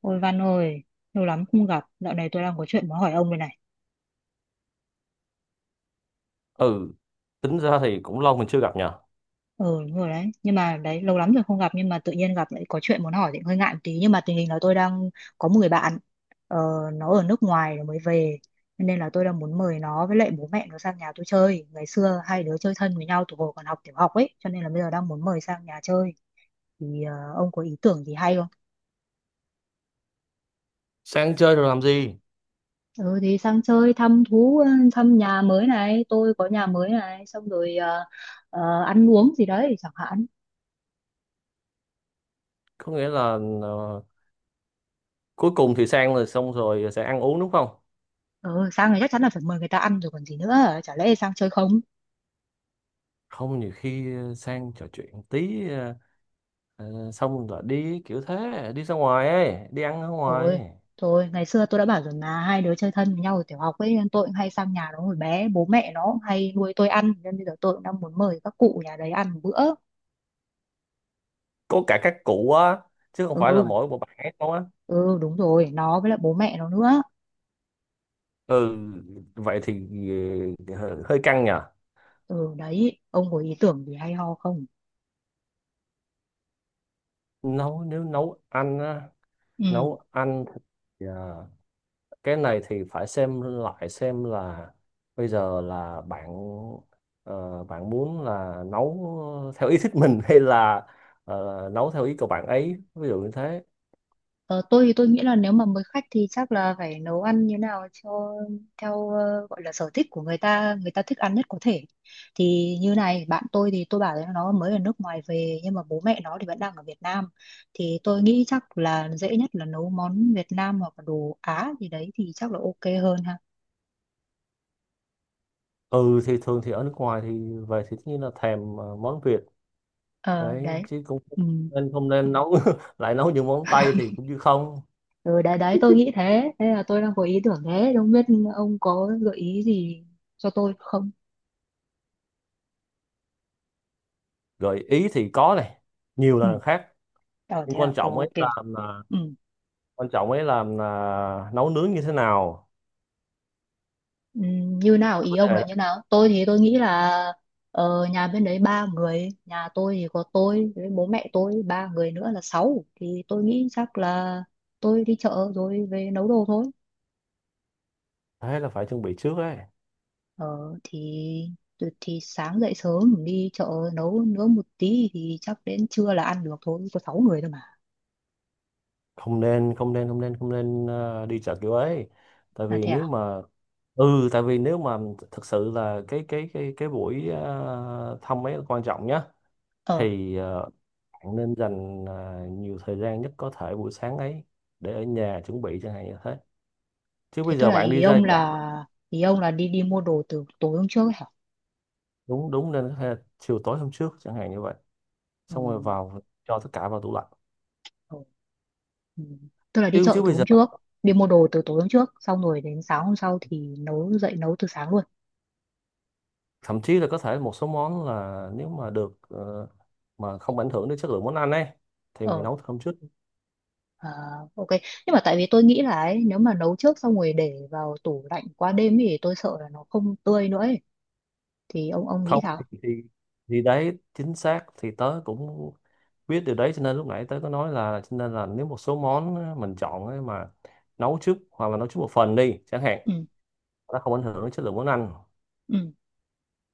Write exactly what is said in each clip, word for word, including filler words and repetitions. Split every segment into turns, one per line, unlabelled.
Ôi Văn ơi, lâu lắm không gặp, dạo này tôi đang có chuyện muốn hỏi ông đây này.
Ừ, tính ra thì cũng lâu mình chưa gặp nhờ.
Ừ, đúng rồi đấy, nhưng mà đấy, lâu lắm rồi không gặp nhưng mà tự nhiên gặp lại có chuyện muốn hỏi thì hơi ngại một tí. Nhưng mà tình hình là tôi đang có một người bạn, ờ, nó ở nước ngoài rồi mới về. Cho Nên là tôi đang muốn mời nó với lại bố mẹ nó sang nhà tôi chơi. Ngày xưa hai đứa chơi thân với nhau từ hồi còn học tiểu học ấy, cho nên là bây giờ đang muốn mời sang nhà chơi. Thì ờ, ông có ý tưởng gì hay không?
Sang chơi rồi làm gì?
Ừ thì sang chơi thăm thú, thăm nhà mới này, tôi có nhà mới này, xong rồi... ờ, ờ, ăn uống gì đấy chẳng hạn.
Có nghĩa là, ờ, cuối cùng thì sang rồi xong rồi sẽ ăn uống đúng không?
Ừ, sang thì chắc chắn là phải mời người ta ăn rồi còn gì nữa. Chả lẽ sang chơi không?
Không, nhiều khi ờ, sang trò chuyện tí, ờ, ờ, xong rồi đi kiểu thế, đi ra ngoài ấy, đi ăn ở
Rồi,
ngoài.
thôi, ngày xưa tôi đã bảo rồi mà hai đứa chơi thân với nhau ở tiểu học ấy, nên tôi cũng hay sang nhà nó hồi bé, bố mẹ nó cũng hay nuôi tôi ăn, nên bây giờ tôi cũng đang muốn mời các cụ nhà đấy ăn một bữa.
Có cả các cụ á? Chứ không
Ừ,
phải là mỗi một bạn ấy không á?
ừ, đúng rồi, nó với lại bố mẹ nó nữa.
Ừ, vậy thì ờ, hơi hơi căng nhờ.
Ừ, đấy, ông có ý tưởng gì hay ho không?
Nấu nếu nấu ăn á?
Ừ.
Nấu ăn. Dạ. Cái này thì phải xem lại xem là bây giờ là bạn, ờ, bạn muốn là nấu theo ý thích mình hay là ờ, nấu theo ý của bạn ấy, ví dụ như thế.
Ờ, tôi thì tôi nghĩ là nếu mà mới khách thì chắc là phải nấu ăn như nào cho theo ờ, gọi là sở thích của người ta, người ta thích ăn nhất có thể. Thì như này, bạn tôi thì tôi bảo là nó mới ở nước ngoài về nhưng mà bố mẹ nó thì vẫn đang ở Việt Nam, thì tôi nghĩ chắc là dễ nhất là nấu món Việt Nam hoặc là đồ Á gì đấy thì chắc là ok hơn ha.
Ừ thì thường thì ở nước ngoài thì về thì tất nhiên là thèm ờ, món Việt
Ờ
đấy,
đấy,
chứ cũng
ừ.
nên không nên nấu lại nấu những món Tây thì cũng như không.
ừ đấy đấy tôi nghĩ thế, thế là tôi đang có ý tưởng, thế không biết ông có gợi ý gì cho tôi không.
Gợi ý thì có này, nhiều
Ừ,
là khác.
ờ
Nhưng
thế à,
quan trọng ấy
ok.
là là-
Ừ.
quan trọng ấy là là nấu nướng như thế nào,
Ừm, như nào?
là
Ý
vấn
ông
đề
là
đó.
như nào? Tôi thì tôi nghĩ là ờ, nhà bên đấy ba người, nhà tôi thì có tôi với bố mẹ tôi ba người nữa là sáu, thì tôi nghĩ chắc là tôi đi chợ rồi về nấu đồ thôi.
Thế là phải chuẩn bị trước ấy.
ờ, thì thì sáng dậy sớm đi chợ nấu nướng một tí thì chắc đến trưa là ăn được thôi, có sáu người thôi mà.
Không nên không nên không nên không nên ờ, đi chợ kiểu ấy. Tại
Là
vì
thế
nếu
à?
mà, ừ, tại vì nếu mà thực sự là cái cái cái cái buổi ờ, thăm ấy là quan trọng nhá,
Ờ
thì ờ, bạn nên dành ờ, nhiều thời gian nhất có thể buổi sáng ấy để ở nhà chuẩn bị chẳng hạn như thế, chứ
thế
bây
tức
giờ
là
bạn
ý
đi ra
ông,
chợ.
là ý ông là đi, đi mua đồ từ tối hôm trước ấy hả?
Đúng đúng, nên có thể là chiều tối hôm trước chẳng hạn như vậy, xong rồi vào, cho tất cả vào tủ lạnh.
Ừ. Ừ. Tức là đi
chứ
chợ
chứ
từ
bây
hôm
giờ
trước, đi mua đồ từ tối hôm trước, xong rồi đến sáng hôm sau thì nấu, dậy nấu từ sáng luôn.
thậm chí là có thể một số món là nếu mà được, ờ, mà không ảnh hưởng đến chất lượng món ăn ấy, thì mình
Ờ,
nấu thơm chút.
à, ok. Nhưng mà tại vì tôi nghĩ là ấy, nếu mà nấu trước xong rồi để vào tủ lạnh qua đêm thì tôi sợ là nó không tươi nữa ấy. Thì ông ông nghĩ
Không,
sao?
thì, thì thì đấy chính xác, thì tớ cũng biết điều đấy, cho nên lúc nãy tớ có nói là cho nên là nếu một số món mình chọn ấy mà nấu trước hoặc là nấu trước một phần đi chẳng hạn,
Ừ,
nó không ảnh hưởng đến chất lượng món ăn,
ừ,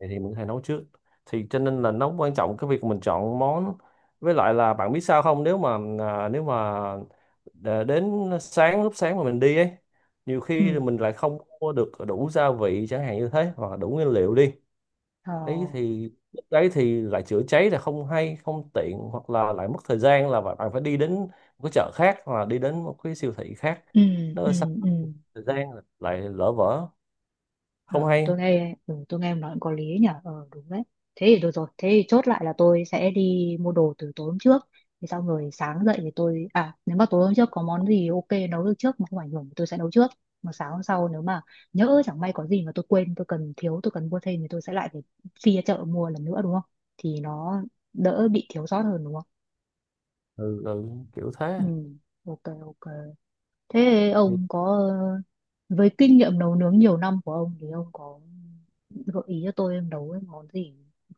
thì, thì mình có thể nấu trước. Thì cho nên là nó quan trọng cái việc mình chọn món. Với lại là bạn biết sao không, nếu mà à, nếu mà đã đến sáng, lúc sáng mà mình đi ấy, nhiều khi
ừ,
là mình lại không mua được đủ gia vị chẳng hạn như thế, hoặc là đủ nguyên liệu đi.
ờ,
Đấy thì lúc đấy thì lại chữa cháy, là không hay, không tiện, hoặc là lại mất thời gian là bạn bạn phải đi đến một cái chợ khác hoặc là đi đến một cái siêu thị khác.
ừ,
Nó
ừ,
là sắp
ừ.
thời gian lại lỡ vỡ, không
Ờ,
hay.
tôi nghe, ừ, tôi nghe em nói cũng có lý nhỉ, ờ, đúng đấy. Thế thì được rồi, thế thì chốt lại là tôi sẽ đi mua đồ từ tối hôm trước, thì xong rồi sáng dậy thì tôi, à, nếu mà tối hôm trước có món gì ok nấu được trước mà không ảnh hưởng thì tôi sẽ nấu trước, mà sáng hôm sau nếu mà nhỡ chẳng may có gì mà tôi quên, tôi cần, thiếu, tôi cần mua thêm thì tôi sẽ lại phải phi ra chợ mua lần nữa, đúng không? Thì nó đỡ bị thiếu sót hơn, đúng không?
Ừ, ừ, kiểu thế.
Ừ, ok ok. Thế
Thì,
ông có, với kinh nghiệm nấu nướng nhiều năm của ông thì ông có gợi ý cho tôi em nấu cái món gì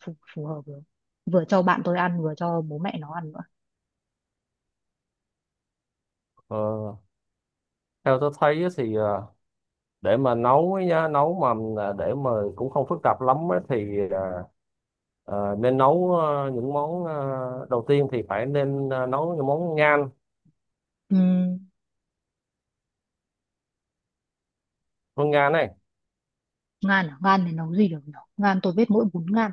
phù, phù hợp được, vừa cho bạn tôi ăn vừa cho bố mẹ nó ăn nữa.
ờ, theo tôi thấy á thì, ờ, để mà nấu ấy nha, nấu mà à, để mà cũng không phức tạp lắm ấy, thì à, Ờ, nên nấu ờ, những món, ờ, đầu tiên thì phải nên ờ, nấu những món ngan,
Ừm,
món ngan này.
ngan à? Ngan thì nấu gì được nhỉ? Ngan tôi biết mỗi bún ngan.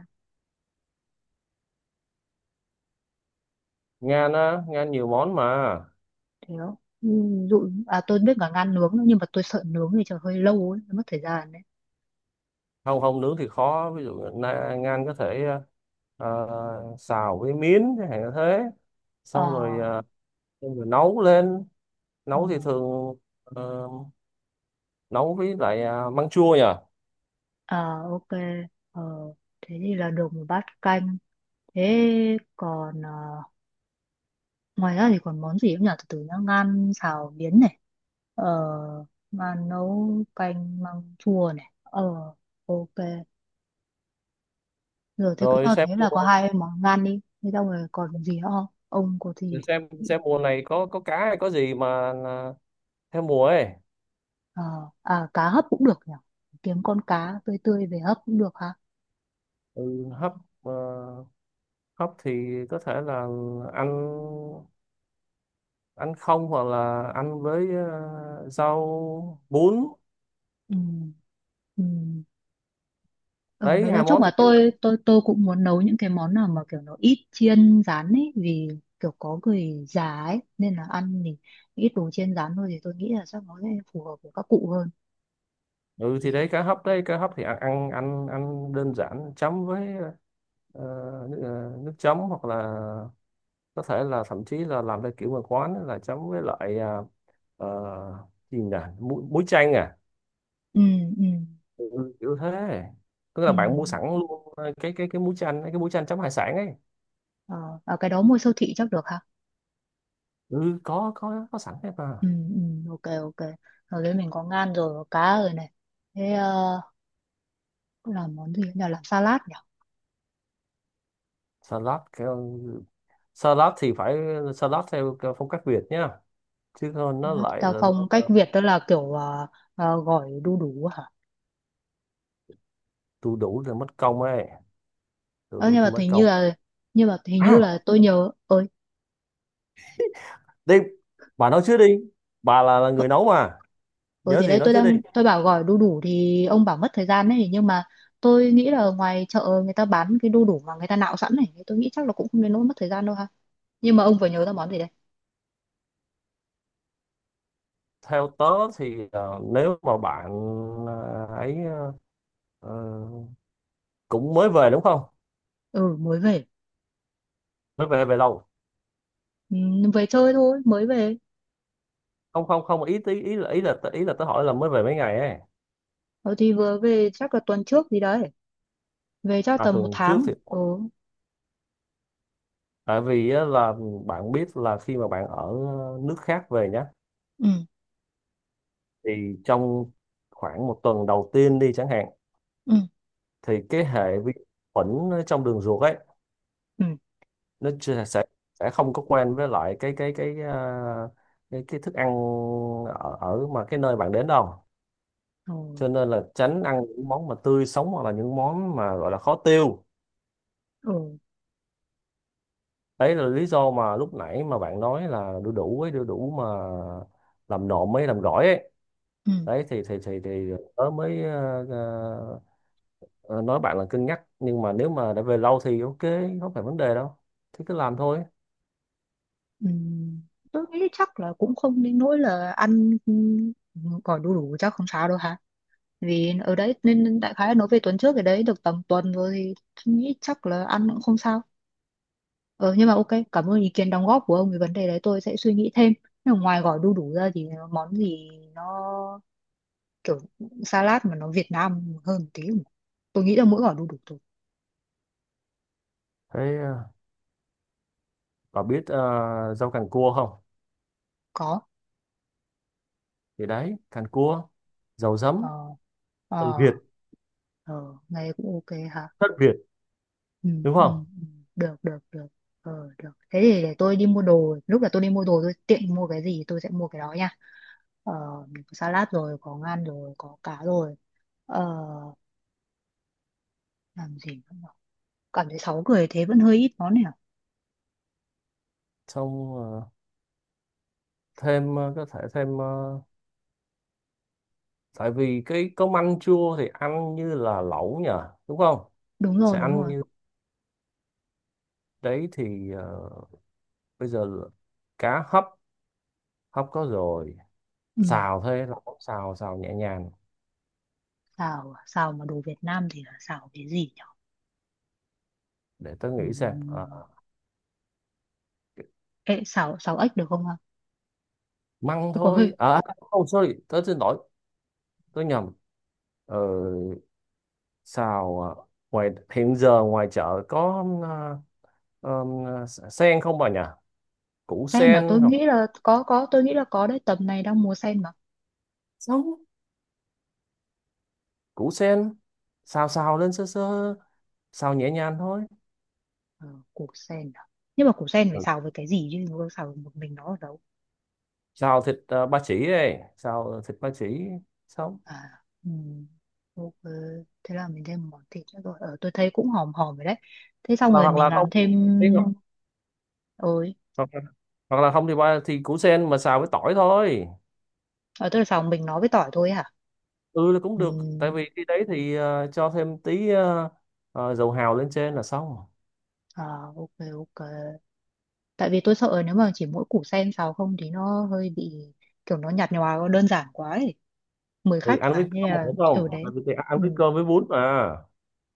Ngan á, ngan nhiều món mà.
Thế đó, ví dụ à, tôi biết cả ngan nướng nữa, nhưng mà tôi sợ nướng thì chờ hơi lâu ấy, mất thời gian đấy.
Không không, nướng thì khó, ví dụ na- ngan có thể ờ, xào với miến chẳng hạn như thế,
Ờ,
xong rồi, ờ, xong rồi nấu lên.
ừ,
Nấu thì thường ờ, nấu với lại ờ, măng chua nhỉ.
ờ, ok. ờ, Thế thì là được một bát canh. Thế còn ờ, ngoài ra thì còn món gì cũng nhỉ, từ từ nhá, ngan xào miến này, ờ, mà nấu canh măng chua này, ờ, ok rồi. Thế cứ
Rồi
cho
xem
thế
mua,
là có hai món ngan đi, thế xong rồi còn gì nữa không, ông có gì?
xem
thì-
xem mùa này có có cá hay có gì mà ờ, theo mùa ấy.
ờ à, cá hấp cũng được nhỉ, kiếm con cá tươi tươi về hấp cũng được ha.
Ừ, hấp, ờ, khóc thì có thể là ăn, ăn không, hoặc là ăn với ờ, rau bún.
Ừ, ừ, ở
Đấy
đấy nói
hai
chung
món
là
thì đấy.
tôi tôi tôi cũng muốn nấu những cái món nào mà kiểu nó ít chiên rán ấy, vì kiểu có người già ấy nên là ăn thì ít đồ chiên rán thôi, thì tôi nghĩ là chắc nó sẽ phù hợp với các cụ hơn
Ừ
nhỉ.
thì đấy, cá hấp, đấy cá hấp thì ăn ăn ăn, ăn đơn giản chấm với ờ, nước, ờ, nước chấm, hoặc là có thể là thậm chí là làm theo kiểu mà quán ấy là chấm với lại, ờ, ờ, gì nhỉ, muối, muối chanh à.
Ừ, ừ,
Ừ, kiểu thế. Tức là bạn mua sẵn
ừ.
luôn ờ, cái cái cái muối chanh, cái muối chanh chấm hải sản ấy.
Ờ, à, cái đó mua siêu thị chắc được hả?
Ừ, có có có sẵn hết mà.
Ừ, ừ, ok, ok. Rồi đấy, mình có ngan rồi, có cá rồi này. Thế ờ, làm món gì nhỉ? Làm salad nhỉ?
Salad theo, salad thì phải, salad theo cái phong cách Việt nhá, chứ không nó
Salad
lại
Tao
là.
phong cách Việt đó là kiểu ờ, ờ, gỏi đu đủ hả?
Đu đủ thì mất công ấy, đu
Ờ,
đủ
nhưng mà
thì mất
hình như
công.
là, nhưng mà hình như là
À
tôi nhớ ơi.
đi, bà nói trước đi, bà là, là người nấu mà.
ơi
Nhớ
thì
gì
đấy,
nói
tôi
trước đi.
đang, tôi bảo gỏi đu đủ thì ông bảo mất thời gian đấy, nhưng mà tôi nghĩ là ngoài chợ người ta bán cái đu đủ mà người ta nạo sẵn này, tôi nghĩ chắc là cũng không đến nỗi mất thời gian đâu ha. Nhưng mà ông vừa nhớ ra món gì đấy.
Theo tớ thì, ờ, nếu mà bạn ờ, ấy ờ, ờ, cũng mới về đúng không?
Ừ, mới về.
Mới về, về lâu?
Ừ, về chơi thôi, mới về.
Không không không, ý ý ý là ý là ý là tớ hỏi là mới về mấy ngày ấy.
Ờ, thì vừa về chắc là tuần trước gì đấy. Về chắc
À
tầm một
tuần trước
tháng.
thì,
Ừ.
tại vì á, là bạn biết là khi mà bạn ở nước khác về nhá,
Ừ,
thì trong khoảng một tuần đầu tiên đi chẳng hạn,
ừ.
thì cái hệ vi khuẩn ở trong đường ruột ấy,
Ừ.
nó chưa- sẽ sẽ không có quen với lại cái cái cái à, cái, cái thức ăn ở, ở mà cái nơi bạn đến đâu,
Ừ.
cho nên là tránh ăn những món mà tươi sống hoặc là những món mà gọi là khó tiêu.
Ừ.
Đấy là lý do mà lúc nãy mà bạn nói là đu đủ ấy, đu đủ mà làm nộm ấy, làm gỏi ấy.
Ừ.
Đấy thì thì thì thì tớ mới ờ, Ờ, nói bạn là cân nhắc, nhưng mà nếu mà đã về lâu thì ok, không phải vấn đề đâu, thế cứ làm thôi.
Ừ. Tôi nghĩ chắc là cũng không đến nỗi là ăn, ừ, gọi đủ đủ chắc không sao đâu hả? Vì ở đấy nên đại khái nói về tuần trước, ở đấy được tầm tuần rồi thì tôi nghĩ chắc là ăn cũng không sao. Ờ, nhưng mà ok, cảm ơn ý kiến đóng góp của ông, về vấn đề đấy tôi sẽ suy nghĩ thêm. Nhưng mà ngoài gọi đu đủ ra thì món gì nó kiểu salad mà nó Việt Nam hơn một tí, tôi nghĩ là mỗi gói đu đủ tôi.
Thế ờ, bà biết ờ, rau càng cua không?
Có.
Thì đấy, càng cua dầu
Ờ,
giấm,
ờ,
Tần Việt,
ờ, nghe cũng ok hả.
thất Việt,
ừ,
đúng
ừ,
không?
ừ. Được được được, ờ được. Thế thì để tôi đi mua đồ, lúc là tôi đi mua đồ tôi tiện mua cái gì tôi sẽ mua cái đó nha. Ờ, mình có salad rồi, có ngan rồi, có cá rồi. Ờ, làm gì nữa nhở? Cảm thấy sáu người thế vẫn hơi ít món này à?
Xong ờ, thêm, ờ, có thể thêm ờ, tại vì cái cơm ăn chua thì ăn như là lẩu nhỉ, đúng không?
Đúng
Sẽ
rồi đúng
ăn
rồi.
như, đấy thì ờ, bây giờ là cá hấp, hấp có rồi.
Ừ.
Xào thôi, lẩu xào, xào nhẹ nhàng.
Xào à? Xào mà đồ Việt Nam thì là xào cái gì nhỉ?
Để tôi
Ừ.
nghĩ xem. Ờ, ờ.
Ê, xào, xào ếch được không hả?
Măng
Cuộc hơi
thôi à. Oh sorry, tớ xin lỗi, tớ nhầm. ờ, Xào à, ngoài hiện giờ ngoài chợ có à, ờm, à, sen không bà nhỉ? Củ
sen là
sen
tôi
hoặc
nghĩ là có có tôi nghĩ là có đấy, tầm này đang mùa sen mà.
sống, củ sen xào, xào lên sơ sơ, xào nhẹ nhàng thôi.
Ờ, củ sen à? Nhưng mà củ sen phải
Ừ.
xào với cái gì chứ không xào một mình nó ở đâu.
Xào thịt à, ba chỉ đây, xào thịt ba chỉ sống.
À, ừm, ok. Thế là mình thêm món thịt nữa rồi, ờ, tôi thấy cũng hòm hòm rồi đấy. Thế xong
Hoặc
rồi
hoặc
mình
là
làm
không thì-
thêm. Ôi,
hoặc, hoặc là không thì ba thì củ sen mà xào với tỏi thôi.
ờ, tôi là xào mình nó với tỏi thôi hả?
Ừ là cũng được, tại
Ừm,
vì cái đấy thì ờ, cho thêm tí ờ, ờ, dầu hào lên trên là xong.
à, ok ok. Tại vì tôi sợ nếu mà chỉ mỗi củ sen xào không thì nó hơi bị kiểu nó nhạt nhòa đơn giản quá ấy, mời
Tại vì
khách
ăn
mà
với
nên
cơm mà,
là
đúng
ở
không,
đấy.
tại vì thì ăn
Ừ.
với cơm với bún mà.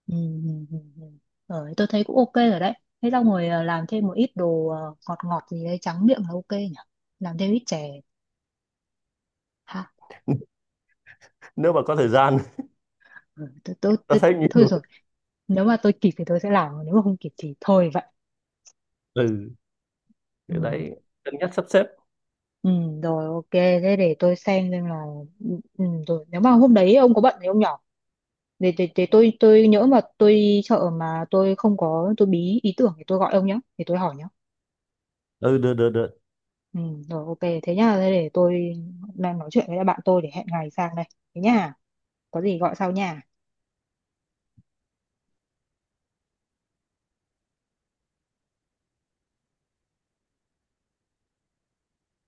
Ừ, ừ, ừ, ừ. Ờ, tôi thấy cũng ok rồi đấy. Thế xong rồi ờ, làm thêm một ít đồ ờ, ngọt ngọt gì đấy trắng miệng là ok nhỉ? Làm thêm ít chè. Ha,
Nếu mà có thời gian
ừ, tôi, tôi,
tao
tôi,
thấy
thôi
nhiều.
rồi. Nếu mà tôi kịp thì tôi sẽ làm, nếu mà không kịp thì thôi vậy.
Ừ,
Ừ,
cái đấy cân nhắc sắp xếp.
ừ rồi ok. Thế để tôi xem xem là... Ừ, ừ, rồi. Nếu mà hôm đấy ông có bận thì ông nhỏ. Để, để, để tôi tôi nhỡ mà tôi đi chợ mà tôi không có, tôi bí ý tưởng thì tôi gọi ông nhé. Thì tôi hỏi nhé.
Ừ được được được.
Ừ, rồi ok thế nhá. Thế để tôi đang nói chuyện với lại bạn tôi để hẹn ngày sang đây. Thế nhá, có gì gọi sau nha.